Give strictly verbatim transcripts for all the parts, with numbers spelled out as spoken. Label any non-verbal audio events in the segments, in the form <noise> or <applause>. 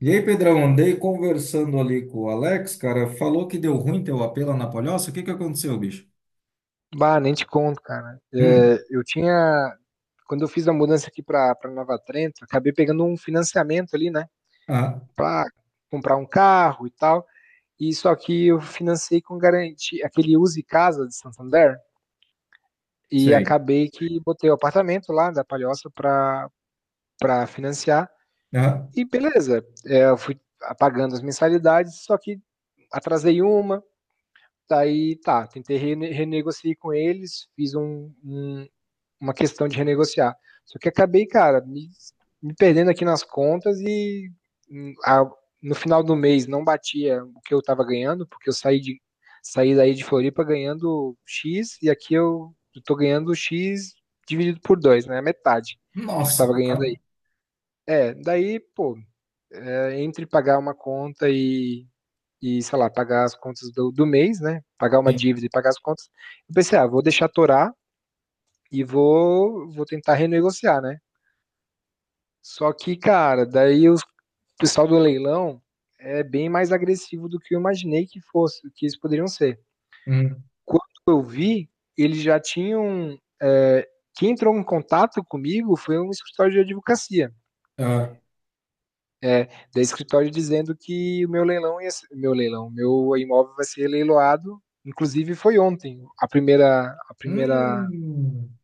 E aí, Pedrão, andei conversando ali com o Alex, cara, falou que deu ruim teu A P lá na Palhoça. O que que aconteceu, bicho? Bah, nem te conto, cara. Hum, É, eu tinha, quando eu fiz a mudança aqui para para Nova Trento, acabei pegando um financiamento ali, né, ah, para comprar um carro e tal. E só que eu financei com garantia, aquele Use Casa de Santander, e sei. acabei que botei o apartamento lá da Palhoça para para financiar. Ah, E beleza, é, eu fui pagando as mensalidades, só que atrasei uma, daí tá, tentei rene renegociar com eles, fiz um, um, uma questão de renegociar. Só que acabei, cara, me, me perdendo aqui nas contas e hum, a, no final do mês não batia o que eu estava ganhando, porque eu saí, de, saí daí de Floripa ganhando X e aqui eu estou ganhando X dividido por dois, né? Metade do que eu nossa. estava ganhando Ah, aí. É, daí, pô, é, entre pagar uma conta e, e, sei lá, pagar as contas do, do mês, né? Pagar uma sim. dívida e pagar as contas, eu pensei, ah, vou deixar torar e vou, vou tentar renegociar, né? Só que, cara, daí o pessoal do leilão é bem mais agressivo do que eu imaginei que fosse, que eles poderiam ser. Hum, Quando eu vi, eles já tinham. É, quem entrou em contato comigo foi um escritório de advocacia. ah, Da escritório dizendo que o meu leilão ia ser, meu leilão, meu imóvel vai ser leiloado. Inclusive foi ontem a primeira, a primeira hum.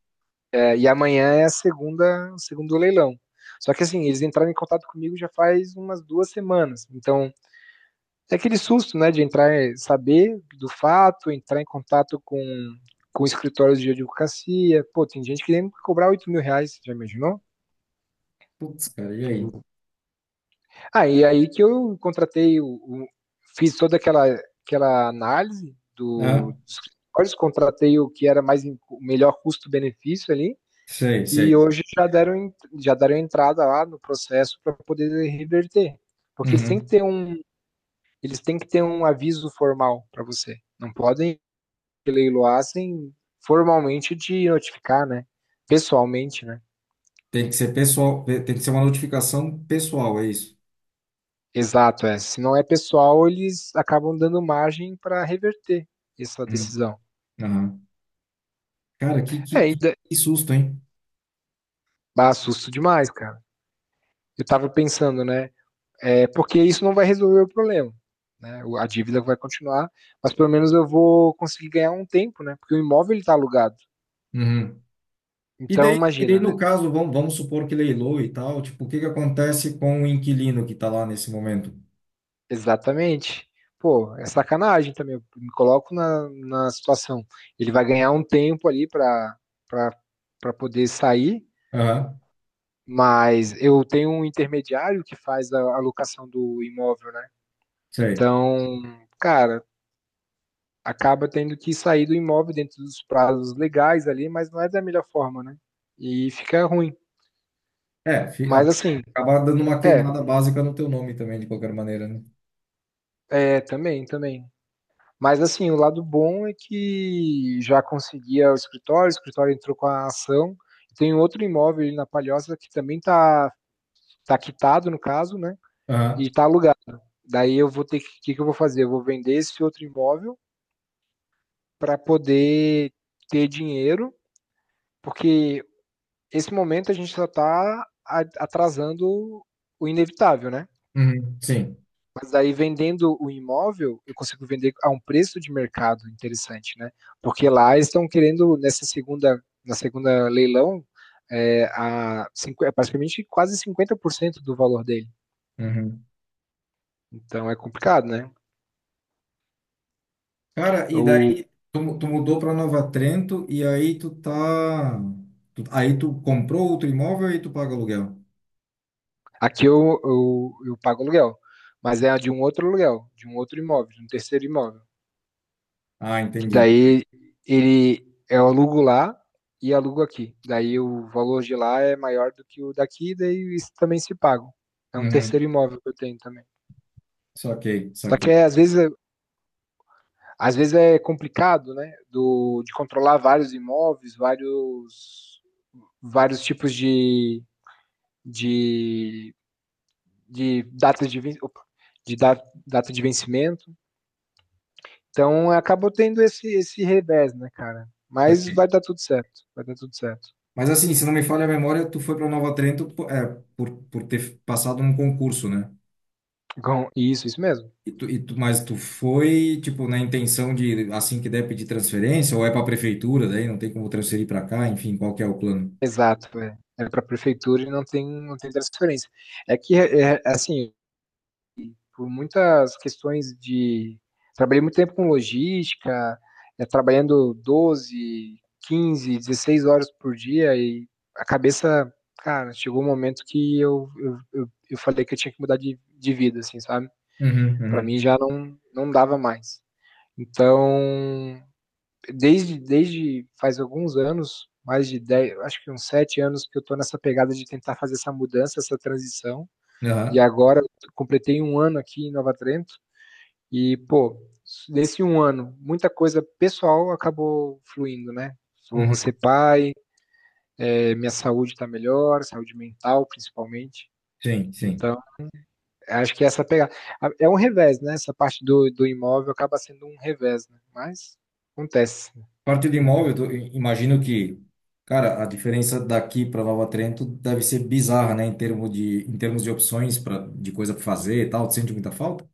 é, e amanhã é a segunda, o segundo leilão. Só que assim eles entraram em contato comigo já faz umas duas semanas. Então é aquele susto, né, de entrar, saber do fato, entrar em contato com, com escritórios de advocacia. Pô, tem gente querendo cobrar oito mil reais, já imaginou? Putz, cara, e aí? Ah, e aí que eu contratei, o, o- fiz toda aquela, aquela análise do, Ah, dos escritórios, contratei o que era mais o melhor custo-benefício ali, sei, e sei. hoje já deram, já deram entrada lá no processo para poder reverter. Porque eles têm que Uhum. ter um, eles têm que ter um aviso formal para você. Não podem leiloassem formalmente de notificar, né? Pessoalmente, né? Tem que ser pessoal, tem que ser uma notificação pessoal, é isso. Exato, é. Se não é pessoal, eles acabam dando margem para reverter essa Hum, decisão. aham. Cara, que, que, É, e que dá que susto, hein? dá susto demais, cara. Eu tava pensando, né? É, porque isso não vai resolver o problema. Né? A dívida vai continuar, mas pelo menos eu vou conseguir ganhar um tempo, né? Porque o imóvel ele tá alugado. Uhum. E Então, daí, e daí, imagina, né? no caso, vamos, vamos supor que leilou e tal, tipo, o que que acontece com o inquilino que está lá nesse momento? Exatamente. Pô, é sacanagem também. Eu me coloco na, na situação. Ele vai ganhar um tempo ali para para poder sair, Aham, mas eu tenho um intermediário que faz a alocação do imóvel, né? sei. Então, cara, acaba tendo que sair do imóvel dentro dos prazos legais ali, mas não é da melhor forma, né? E fica ruim. É, fi- Mas acaba, assim, acaba dando uma é, queimada básica no teu nome também, de qualquer maneira, né? é, também, também. Mas assim, o lado bom é que já conseguia o escritório, o escritório entrou com a ação. Tem um outro imóvel ali na Palhoça que também tá tá quitado no caso, né, e Aham, tá alugado. Daí eu vou ter que o que que eu vou fazer? Eu vou vender esse outro imóvel para poder ter dinheiro, porque esse momento a gente só tá a atrasando o inevitável, né. uhum, sim. Mas aí vendendo o imóvel, eu consigo vender a um preço de mercado interessante, né? Porque lá eles estão querendo, nessa segunda, na segunda leilão, é, a, cinqu- é praticamente quase cinquenta por cento do valor dele. Uhum. Então é complicado, né? Cara, e Eu, daí tu, mu- tu mudou para Nova Trento e aí tu tá... tu- aí tu comprou outro imóvel e tu paga aluguel. aqui eu, eu, eu pago aluguel, mas é de um outro aluguel, de um outro imóvel, de um terceiro imóvel. Ah, Que entendi. daí ele é, eu alugo lá e alugo aqui. Daí o valor de lá é maior do que o daqui, daí isso também se paga. É um Uhum. terceiro imóvel que eu tenho também. Saquei, Só saquei, que é, às vezes, é- às vezes é complicado, né? Do, de controlar vários imóveis, vários, vários tipos de, de, de data de, de data de vencimento. Então acabou tendo esse, esse revés, né, cara? Mas vai saquei. dar tudo certo. Vai dar tudo certo. Mas assim, se não me falha a memória, tu foi para Nova Trento, po- é, por, por ter passado num concurso, né? Com- Isso, isso mesmo. E tu, e tu, mas tu foi, tipo, na intenção de, assim que der, pedir transferência, ou é para a prefeitura, daí não tem como transferir para cá, enfim, qual que é o plano? Exato, é. É pra prefeitura e não tem não tem transferência. É que, eh eh, assim, por muitas questões de trabalhei muito tempo com logística, eh, trabalhando doze, quinze, dezesseis horas por dia e a cabeça cara, chegou um momento que eu eu eu eu falei que eu tinha que mudar de de vida, assim, sabe. Uhum, Para uhum. mim já não não dava mais. Então, desde, desde faz alguns anos, mais de dez, acho que uns sete anos que eu estou nessa pegada de tentar fazer essa mudança, essa transição. E Aham, agora completei um ano aqui em Nova Trento. E, pô, nesse um ano, muita coisa pessoal acabou fluindo, né? Vou uhum. ser pai, é, minha saúde está melhor, saúde mental principalmente. Sim, sim. Então, acho que essa pegada. É um revés, né? Essa parte do, do imóvel acaba sendo um revés, né? Mas acontece. Parte do imóvel, <laughs> tu- i- imagino que, cara, a diferença daqui para Nova Trento deve ser bizarra, né? Em termos de, em termos de opções pra, de coisa para fazer e tal, tu sente muita falta?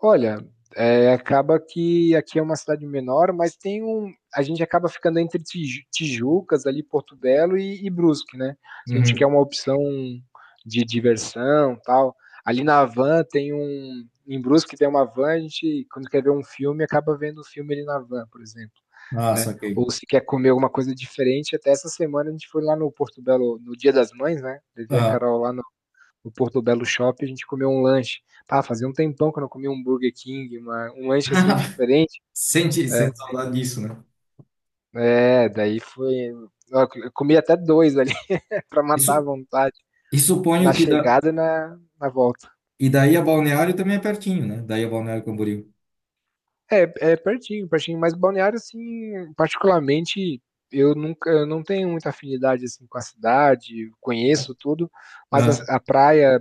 Olha, eh, acaba que aqui é uma cidade menor, mas tem um a gente acaba ficando entre Tiju Tijucas, ali, Porto Belo e e Brusque, né. Se a gente quer Uhum. uma opção de diversão, tal, ali na van tem um em Brusque tem uma van, a gente quando quer ver um filme, acaba vendo o filme ali na van, por exemplo, Ah, né. saquei. Ou se quer comer alguma coisa diferente, até essa semana a gente foi lá no Porto Belo no Dia das Mães, né, levei a Aham. Carol lá no no Porto Belo Shopping, a gente comeu um lanche. Ah, fazia um tempão que eu não comia um Burger King, uma um lanche, assim, <laughs> diferente. Sente, É, sente saudade disso, né? é, daí foi ó, eu comi até dois ali <laughs> pra matar a Isso, vontade, e na suponho que da, chegada e na na volta. e daí a Balneário também é pertinho, né? Daí a Balneário Camboriú. É, é pertinho, pertinho, mas Balneário, assim, particularmente, eu nunca eu não tenho muita afinidade, assim, com a cidade, conheço tudo, mas Aham. a a praia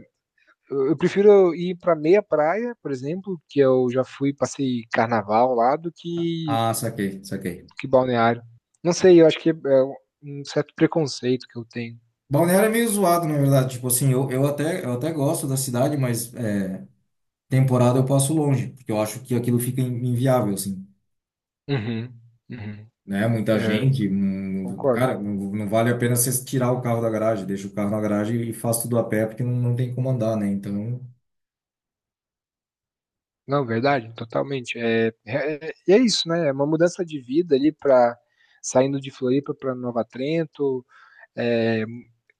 eu eu prefiro ir para meia praia, por exemplo, que eu já fui, passei carnaval lá, do que Ah, saquei, saquei. que balneário. Não sei, eu acho que é um certo preconceito que eu tenho. Balneário é meio zoado, na verdade. Tipo assim, eu, eu até, eu até gosto da cidade, mas é, temporada eu passo longe, porque eu acho que aquilo fica in- inviável, assim. Uhum, uhum. Né? Muita É, gente, hum, concordo. cara, não, não vale a pena você tirar o carro da garagem, deixa o carro na garagem e faz tudo a pé, porque não, não tem como andar, né? Então. Não, verdade, totalmente. É, é, e é isso, né? É uma mudança de vida ali para saindo de Floripa para Nova Trento, é,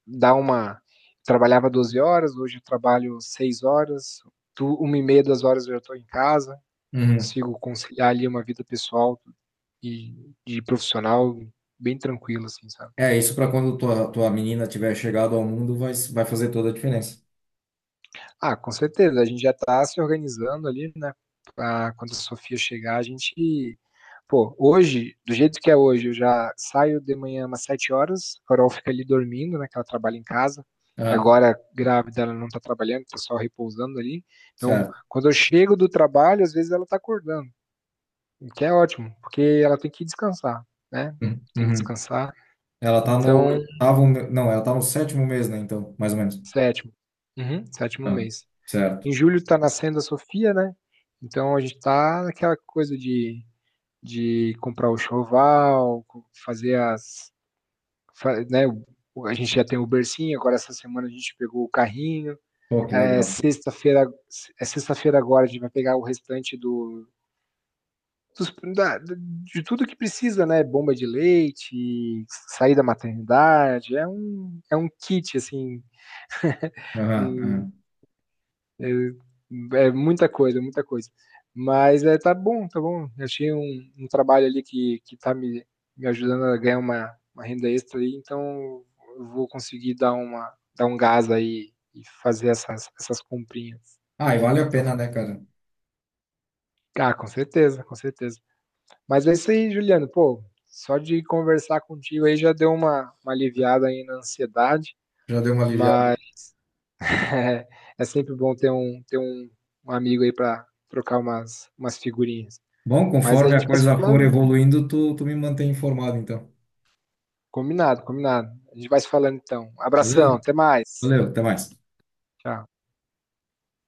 dar uma. Trabalhava doze horas, hoje eu trabalho seis horas, tu, uma e meia, duas horas eu já estou em casa, Uhum. consigo conciliar ali uma vida pessoal e de profissional bem tranquila, assim, sabe? É, isso para quando tua, tua menina tiver chegado ao mundo vai, vai fazer toda a diferença. Ah, com certeza. A gente já está se organizando ali, né, pra quando a Sofia chegar, a gente pô, hoje, do jeito que é hoje, eu já saio de manhã umas sete horas. A Carol fica ali dormindo, né, que ela trabalha em casa. Ah, Agora, grávida, ela não está trabalhando, tá só repousando ali. Então, certo. quando eu chego do trabalho, às vezes ela está acordando, o que é ótimo, porque ela tem que descansar, né, Uhum. tem que Uhum. descansar. Ela tá no Então, oitavo, me- não, ela tá no sétimo mês, né? Então, mais ou menos. sétimo. Uhum, sétimo Ah, mês. Em certo. julho está nascendo a Sofia, né? Então a gente está naquela coisa de, de comprar o choval, fazer as. fa- Né? o- A gente já tem o bercinho, agora essa semana a gente pegou o carrinho. Pô, que É, legal. sexta-feira, é sexta-feira agora a gente vai pegar o restante do, dos- da- de tudo que precisa, né? Bomba de leite, sair da maternidade. É um, é um kit, assim. Aham, aham. É, é muita coisa, muita coisa. Mas é, tá bom, tá bom. Eu tinha um, um trabalho ali que, que tá me, me ajudando a ganhar uma, uma renda extra aí, então eu vou conseguir dar uma, dar um gás aí e fazer essas, essas comprinhas. Ah, e vale a Então, pena, foi- né, cara? ah, com certeza, com certeza. Mas é isso aí, Juliano. Pô, só de conversar contigo aí já deu uma, uma aliviada aí na ansiedade, Já deu uma aliviada. mas <laughs> é, sempre bom ter um, ter um, um amigo aí para trocar umas, umas figurinhas. Bom, Mas a conforme gente a vai se coisa for falando. evoluindo, tu, tu me mantém informado, então. Combinado, combinado. A gente vai se falando então. Abração, Beleza? até mais. Valeu, até mais. Tchau.